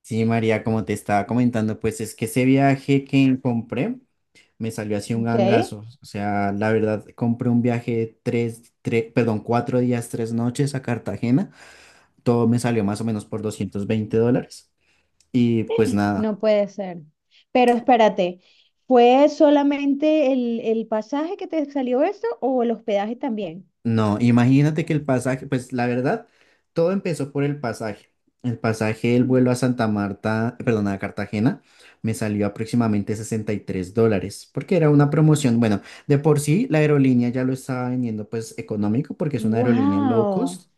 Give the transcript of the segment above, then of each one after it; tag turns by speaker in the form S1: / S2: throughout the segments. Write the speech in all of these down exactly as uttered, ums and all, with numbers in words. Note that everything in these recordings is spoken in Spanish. S1: Sí, María, como te estaba comentando, pues es que ese viaje que compré me salió así un
S2: Ok,
S1: gangazo. O sea, la verdad, compré un viaje de tres, tres, perdón, cuatro días, tres noches a Cartagena. Todo me salió más o menos por doscientos veinte dólares. Y pues nada.
S2: no puede ser. Pero espérate, ¿fue solamente el, el pasaje que te salió eso o el hospedaje también?
S1: No, imagínate que el pasaje, pues la verdad, todo empezó por el pasaje. El pasaje del vuelo a Santa Marta, perdón, a Cartagena, me salió aproximadamente sesenta y tres dólares, porque era una promoción. Bueno, de por sí la aerolínea ya lo estaba vendiendo pues económico, porque es una aerolínea low
S2: Wow.
S1: cost,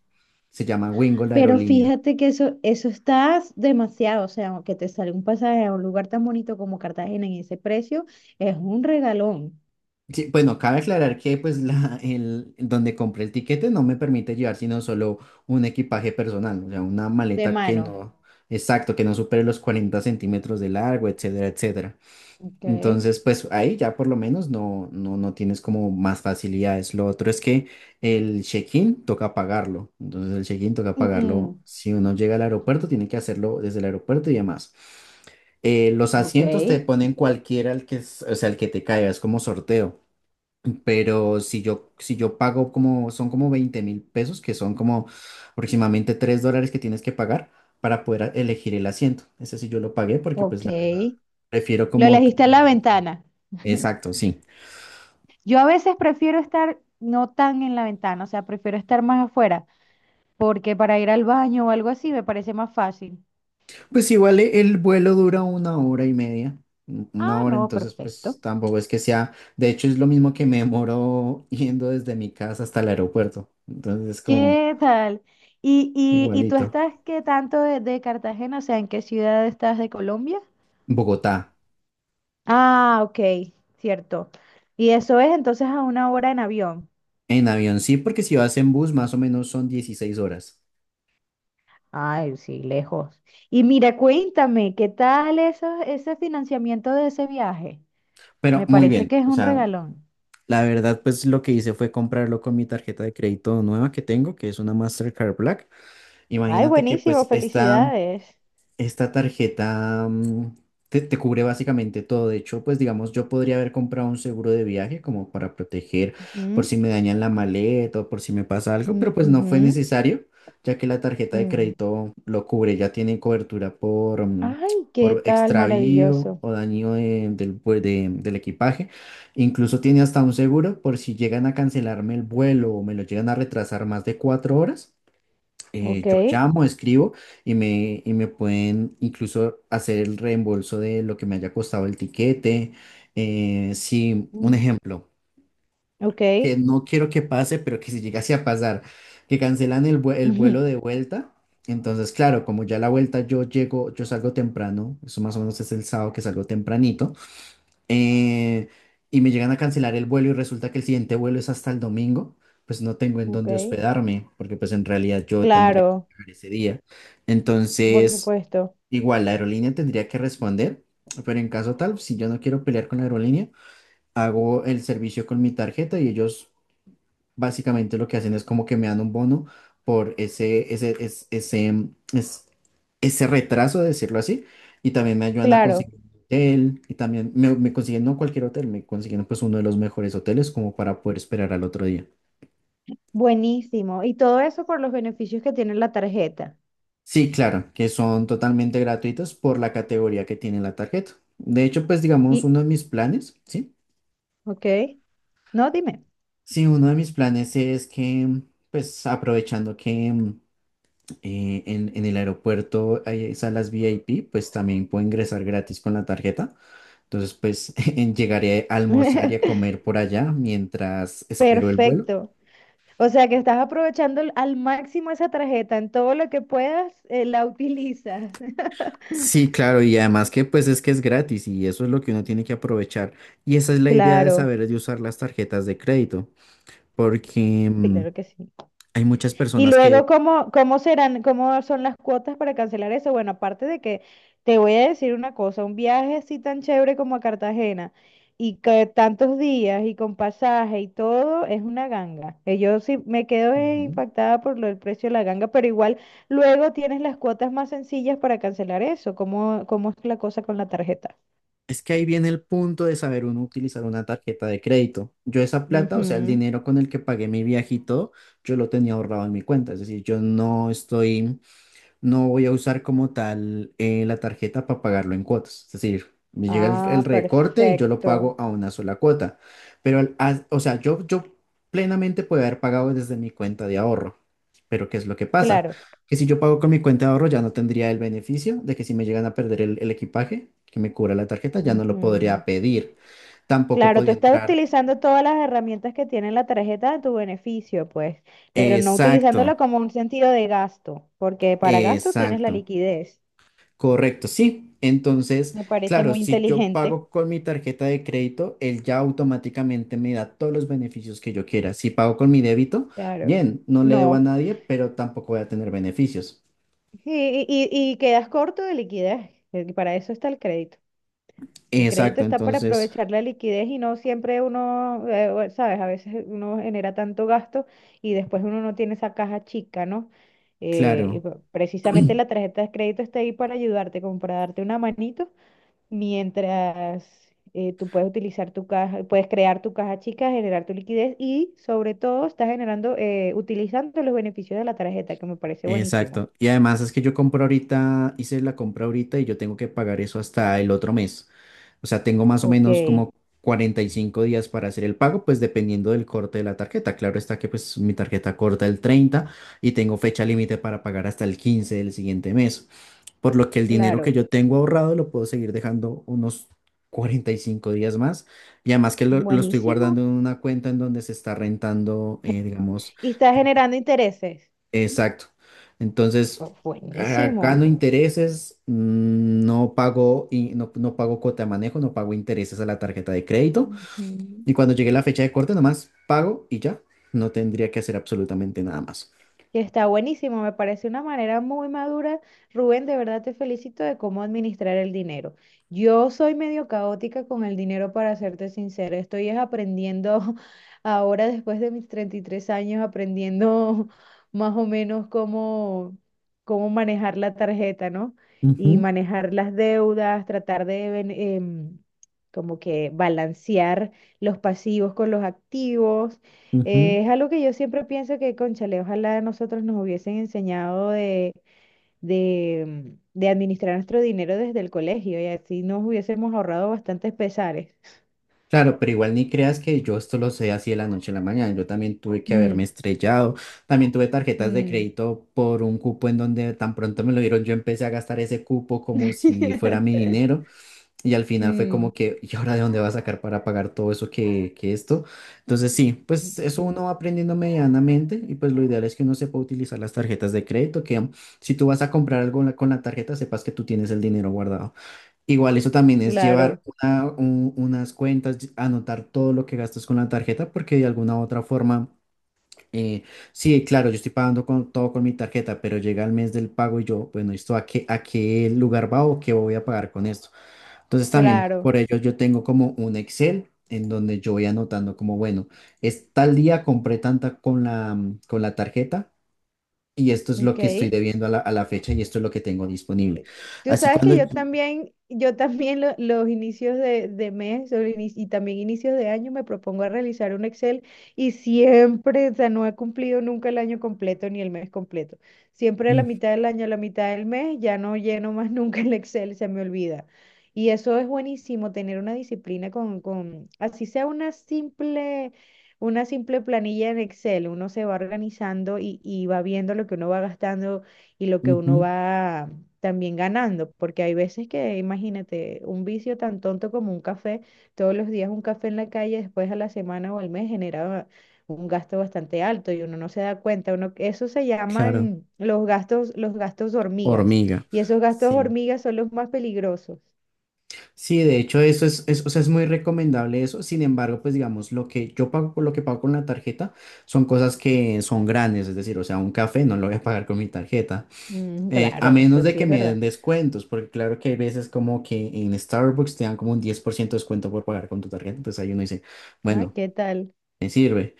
S1: se llama Wingo la
S2: Pero
S1: aerolínea.
S2: fíjate que eso, eso está demasiado, o sea, que te sale un pasaje a un lugar tan bonito como Cartagena en ese precio, es un regalón
S1: Sí, bueno, cabe aclarar que pues la, el, donde compré el tiquete no me permite llevar sino solo un equipaje personal, o sea, una
S2: de
S1: maleta que
S2: mano.
S1: no, exacto, que no supere los cuarenta centímetros de largo, etcétera, etcétera.
S2: Ok.
S1: Entonces, pues ahí ya por lo menos no, no, no tienes como más facilidades. Lo otro es que el check-in toca pagarlo, entonces el check-in toca pagarlo.
S2: Mm,
S1: Si uno llega al aeropuerto, tiene que hacerlo desde el aeropuerto y demás. Eh, los
S2: ok,
S1: asientos te ponen cualquiera el que, es- o sea, el que te caiga, es como sorteo. Pero si yo, si yo pago como, son como veinte mil pesos, que son como aproximadamente tres dólares que tienes que pagar para poder a- elegir el asiento. Ese sí yo lo pagué porque pues la verdad,
S2: ok.
S1: prefiero
S2: Lo
S1: como.
S2: elegiste en la ventana.
S1: Exacto, sí.
S2: Yo a veces prefiero estar no tan en la ventana, o sea, prefiero estar más afuera, porque para ir al baño o algo así me parece más fácil.
S1: Pues igual e- el vuelo dura una hora y media, un- una
S2: Ah,
S1: hora,
S2: no,
S1: entonces pues
S2: perfecto.
S1: tampoco es que sea. De hecho es lo mismo que me demoro yendo desde mi casa hasta el aeropuerto. Entonces es como
S2: ¿Qué tal? ¿Y, y, y tú
S1: igualito.
S2: estás qué tanto de, de Cartagena? O sea, ¿en qué ciudad estás de Colombia?
S1: Bogotá.
S2: Ah, ok, cierto. Y eso es entonces a una hora en avión.
S1: En avión sí, porque si vas en bus más o menos son dieciséis horas.
S2: Ay, sí, lejos. Y mira, cuéntame, ¿qué tal eso, ese financiamiento de ese viaje?
S1: Pero
S2: Me
S1: muy
S2: parece
S1: bien,
S2: que es
S1: o
S2: un
S1: sea,
S2: regalón.
S1: la verdad, pues lo que hice fue comprarlo con mi tarjeta de crédito nueva que tengo, que es una Mastercard Black.
S2: Ay,
S1: Imagínate que
S2: buenísimo,
S1: pues esta
S2: felicidades.
S1: esta tarjeta mm, te, te cubre básicamente todo. De hecho, pues digamos, yo podría haber comprado un seguro de viaje como para proteger por
S2: Ujú,
S1: si me dañan la maleta o por si me pasa algo,
S2: mm,
S1: pero pues no fue
S2: ujú,
S1: necesario, ya que la tarjeta de
S2: mm.
S1: crédito lo cubre. Ya tiene cobertura por, mm,
S2: Ay, qué
S1: por
S2: tal,
S1: extravío
S2: maravilloso.
S1: o daño de- del, vue- de- del equipaje. Incluso tiene hasta un seguro por si llegan a cancelarme el vuelo o me lo llegan a retrasar más de cuatro horas.
S2: Ok.
S1: Eh, yo llamo, escribo y me, y me pueden incluso hacer el reembolso de lo que me haya costado el tiquete. Eh, si, un
S2: mm,
S1: ejemplo,
S2: Ok.
S1: que no quiero que pase, pero que si llegase a pasar, que cancelan el, vue- el vuelo
S2: Ujú,
S1: de vuelta. Entonces, claro, como ya la vuelta yo llego, yo salgo temprano, eso más o menos es el sábado que salgo tempranito, eh, y me llegan a cancelar el vuelo y resulta que el siguiente vuelo es hasta el domingo, pues no tengo en
S2: Ok.
S1: dónde hospedarme, porque pues en realidad yo tendría que
S2: Claro,
S1: viajar ese día.
S2: por
S1: Entonces,
S2: supuesto.
S1: igual la aerolínea tendría que responder, pero en caso tal, si yo no quiero pelear con la aerolínea, hago el servicio con mi tarjeta y ellos básicamente lo que hacen es como que me dan un bono por ese, ese, es- ese, mm, es- ese retraso, de decirlo así, y también me ayudan a
S2: Claro.
S1: conseguir un hotel, y también me, me consiguen no cualquier hotel, me consiguen pues uno de los mejores hoteles como para poder esperar al otro día.
S2: Buenísimo. Y todo eso por los beneficios que tiene la tarjeta.
S1: Sí, claro, que son totalmente gratuitos por la categoría que tiene la tarjeta. De hecho, pues digamos,
S2: Y,
S1: uno de mis planes, ¿sí?
S2: ok. No, dime.
S1: Sí, uno de mis planes es que, pues aprovechando que... mm, eh, en, en el aeropuerto hay salas VIP, pues también puedo ingresar gratis con la tarjeta. Entonces, pues en- llegaré a almorzar y a comer por allá mientras espero el vuelo.
S2: Perfecto. O sea que estás aprovechando al al máximo esa tarjeta. En todo lo que puedas, eh, la utilizas.
S1: Sí, claro, y además que pues es que es gratis y eso es lo que uno tiene que aprovechar. Y esa es la idea de
S2: Claro,
S1: saber de usar las tarjetas de crédito, porque mm,
S2: claro que sí.
S1: hay muchas
S2: Y
S1: personas
S2: luego,
S1: que.
S2: ¿cómo, cómo serán, cómo son las cuotas para cancelar eso? Bueno, aparte de que te voy a decir una cosa, un viaje así tan chévere como a Cartagena y que tantos días y con pasaje y todo es una ganga. Eh, Yo sí me quedo eh,
S1: Ujú.
S2: impactada por lo del precio de la ganga, pero igual luego tienes las cuotas más sencillas para cancelar eso. ¿Cómo, cómo es la cosa con la tarjeta?
S1: Es que ahí viene el punto de saber uno utilizar una tarjeta de crédito. Yo esa plata, o sea, el
S2: Ujú.
S1: dinero con el que pagué mi viaje y todo, yo lo tenía ahorrado en mi cuenta. Es decir, yo no estoy no voy a usar como tal, eh, la tarjeta para pagarlo en cuotas. Es decir, me llega el, el
S2: Ah,
S1: recorte y yo lo pago
S2: perfecto.
S1: a una sola cuota. Pero, al- a- o sea, yo, yo plenamente puedo haber pagado desde mi cuenta de ahorro. Pero ¿qué es lo que pasa?
S2: Claro.
S1: Que si yo pago con mi cuenta de ahorro ya no tendría el beneficio de que si me llegan a perder el, el equipaje que me cubra la tarjeta, ya no lo podría
S2: Ujú.
S1: pedir. Tampoco
S2: Claro, tú
S1: podría
S2: estás
S1: entrar.
S2: utilizando todas las herramientas que tiene la tarjeta a tu beneficio, pues, pero no
S1: Exacto,
S2: utilizándola como un sentido de gasto, porque para gasto tienes la
S1: exacto.
S2: liquidez.
S1: Correcto, sí. Entonces,
S2: Me parece
S1: claro,
S2: muy
S1: si yo
S2: inteligente.
S1: pago con mi tarjeta de crédito, él ya automáticamente me da todos los beneficios que yo quiera. Si pago con mi débito,
S2: Claro.
S1: bien, no le debo a
S2: No.
S1: nadie, pero tampoco voy a tener beneficios.
S2: Y, y, y- y quedas corto de liquidez. eh, Para eso está el crédito. El crédito
S1: Exacto,
S2: está para
S1: entonces,
S2: aprovechar la liquidez y no siempre uno, eh, o- sabes, a veces uno genera tanto gasto y después uno no tiene esa caja chica, ¿no? Eh, y
S1: claro.
S2: pre- precisamente la tarjeta de crédito está ahí para ayudarte, como para darte una manito, mientras eh, tú puedes utilizar tu caja, puedes crear tu caja chica, generar tu liquidez y sobre todo estás generando, eh, utilizando los beneficios de la tarjeta, que me parece buenísimo.
S1: Exacto. Y además es que yo compro ahorita, hice la compra ahorita y yo tengo que pagar eso hasta el otro mes. O sea, tengo más o
S2: Ok,
S1: menos como cuarenta y cinco días para hacer el pago, pues dependiendo del corte de la tarjeta. Claro está que pues mi tarjeta corta el treinta y tengo fecha límite para pagar hasta el quince del siguiente mes. Por lo que el dinero que
S2: claro,
S1: yo tengo ahorrado lo puedo seguir dejando unos cuarenta y cinco días más. Y además que lo, lo estoy
S2: buenísimo.
S1: guardando en una cuenta en donde se está rentando, eh, digamos.
S2: Y estás generando intereses.
S1: Exacto. Entonces,
S2: Bu-
S1: a- gano
S2: Buenísimo,
S1: intereses, mm, no pago, y no, no pago cuota de manejo, no pago intereses a la tarjeta de crédito.
S2: Ujú.
S1: Y cuando llegue la fecha de corte, nomás pago y ya. No tendría que hacer absolutamente nada más.
S2: Que está buenísimo, me parece una manera muy madura. Rubén, de verdad te felicito de cómo administrar el dinero. Yo soy medio caótica con el dinero, para serte sincera. Estoy es aprendiendo ahora, después de mis treinta y tres años, aprendiendo más o menos cómo, cómo manejar la tarjeta, ¿no? Y
S1: Ujú,
S2: manejar las deudas, tratar de... ven- em, como que balancear los pasivos con los activos.
S1: ujú.
S2: Eh, es algo que yo siempre pienso que, cónchale, ojalá a nosotros nos hubiesen enseñado de, de, mm, de administrar nuestro dinero desde el colegio y así nos hubiésemos ahorrado bastantes pesares.
S1: Claro, pero igual ni creas que yo esto lo sé así de la noche a la mañana. Yo también tuve que haberme
S2: Mm,
S1: estrellado. También tuve tarjetas de
S2: mm.
S1: crédito por un cupo en donde tan pronto me lo dieron. Yo empecé a gastar ese cupo como si fuera mi dinero. Y al final fue
S2: Mm,
S1: como que, ¿y ahora de dónde va a sacar para pagar todo eso que, que esto? Entonces sí, pues eso uno va aprendiendo medianamente y pues lo ideal es que uno sepa utilizar las tarjetas de crédito, que mm, si tú vas a comprar algo la- con la tarjeta, sepas que tú tienes el dinero guardado. Igual eso también es llevar
S2: claro,
S1: una- un- unas cuentas, ll- anotar todo lo que gastas con la tarjeta, porque de alguna u otra forma, eh, sí, claro, yo estoy pagando con, todo con mi tarjeta, pero llega el mes del pago y yo, bueno, ¿esto a qué, a qué, lugar va o qué voy a pagar con esto? Entonces también
S2: claro.
S1: por ello yo tengo como un Excel en donde yo voy anotando como, bueno, es tal día compré tanta con la, mm, con la tarjeta y esto es lo
S2: Ok.
S1: que estoy debiendo a la, a la fecha y esto es lo que tengo disponible.
S2: eh, Tú
S1: Así
S2: sabes que
S1: cuando.
S2: yo también, yo también lo- los inicios de, de mes o ini- y también inicios de año me propongo a realizar un Excel y siempre, o sea, no he cumplido nunca el año completo ni el mes completo. Siempre a la
S1: Mm,
S2: mitad del año, a la mitad del mes, ya no lleno más nunca el Excel, se me olvida. Y eso es buenísimo, tener una disciplina con, con, así sea una simple, una simple planilla en Excel, uno se va organizando y, y va viendo lo que uno va gastando y lo que uno
S1: ujú,
S2: va también ganando, porque hay veces que, imagínate, un vicio tan tonto como un café, todos los días un café en la calle, después a la semana o al mes genera un gasto bastante alto y uno no se da cuenta, uno, eso se
S1: claro,
S2: llaman los gastos, los gastos hormigas,
S1: hormiga.
S2: y esos gastos
S1: Sí,
S2: hormigas son los más peligrosos.
S1: sí, de hecho eso es, es, o sea, es muy recomendable eso. Sin embargo, pues digamos, lo que yo pago, con- lo que pago con la tarjeta son cosas que son grandes, es decir, o sea, un café no lo voy a pagar con mi tarjeta.
S2: Mm,
S1: Eh, a
S2: claro,
S1: menos
S2: eso
S1: de
S2: sí
S1: que
S2: es
S1: me den
S2: verdad.
S1: descuentos, porque claro que hay veces como que en Starbucks te dan como un diez por ciento de descuento por pagar con tu tarjeta, entonces ahí uno dice,
S2: Ay,
S1: bueno,
S2: ¿qué tal?
S1: me sirve.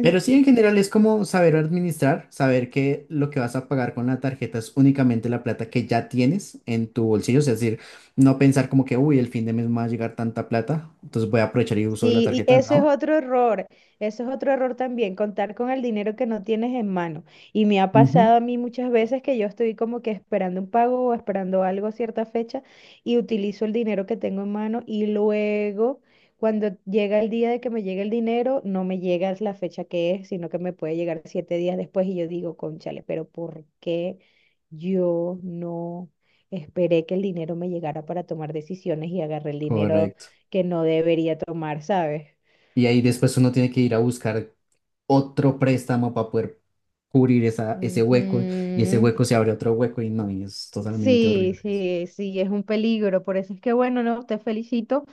S1: Pero sí, en general es como saber administrar, saber que lo que vas a pagar con la tarjeta es únicamente la plata que ya tienes en tu bolsillo, es decir, no pensar como que, uy, el fin de mes me va a llegar tanta plata, entonces voy a aprovechar y uso la
S2: Sí, y
S1: tarjeta,
S2: eso es
S1: ¿no?
S2: otro error, eso es otro error también, contar con el dinero que no tienes en mano. Y me ha
S1: Ujú.
S2: pasado a mí muchas veces que yo estoy como que esperando un pago o esperando algo a cierta fecha y utilizo el dinero que tengo en mano y luego cuando llega el día de que me llegue el dinero, no me llega la fecha que es, sino que me puede llegar siete días después y yo digo, cónchale, pero ¿por qué yo no esperé que el dinero me llegara para tomar decisiones y agarré el dinero?
S1: Correcto.
S2: Que no debería tomar, ¿sabes?
S1: Y ahí después uno tiene que ir a buscar otro préstamo para poder cubrir esa, ese hueco y ese
S2: Ujú.
S1: hueco se abre otro hueco y no, y es totalmente
S2: Sí,
S1: horrible eso.
S2: sí, sí, es un peligro. Por eso es que, bueno, no, te felicito.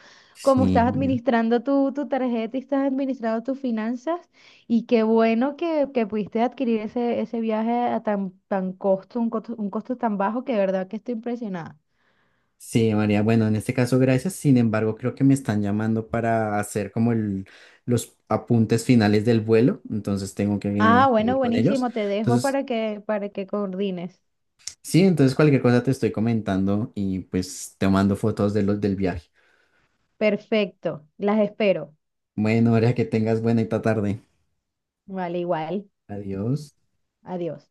S2: Como
S1: Sí,
S2: estás
S1: María.
S2: administrando tu, tu tarjeta y estás administrando tus finanzas, y qué bueno que, que pudiste adquirir ese, ese viaje a tan, tan costo, un costo, un costo tan bajo que de verdad que estoy impresionada.
S1: Sí, María. Bueno, en este caso, gracias. Sin embargo, creo que me están llamando para hacer como el, los apuntes finales del vuelo, entonces tengo
S2: Ah,
S1: que, que
S2: bueno,
S1: ir con ellos.
S2: buenísimo, te dejo
S1: Entonces,
S2: para que, para que coordines.
S1: sí, entonces cualquier cosa te estoy comentando y pues te mando fotos de los del viaje.
S2: Perfecto, las espero.
S1: Bueno, María, que tengas buena y ta tarde.
S2: Vale, igual.
S1: Adiós.
S2: Adiós.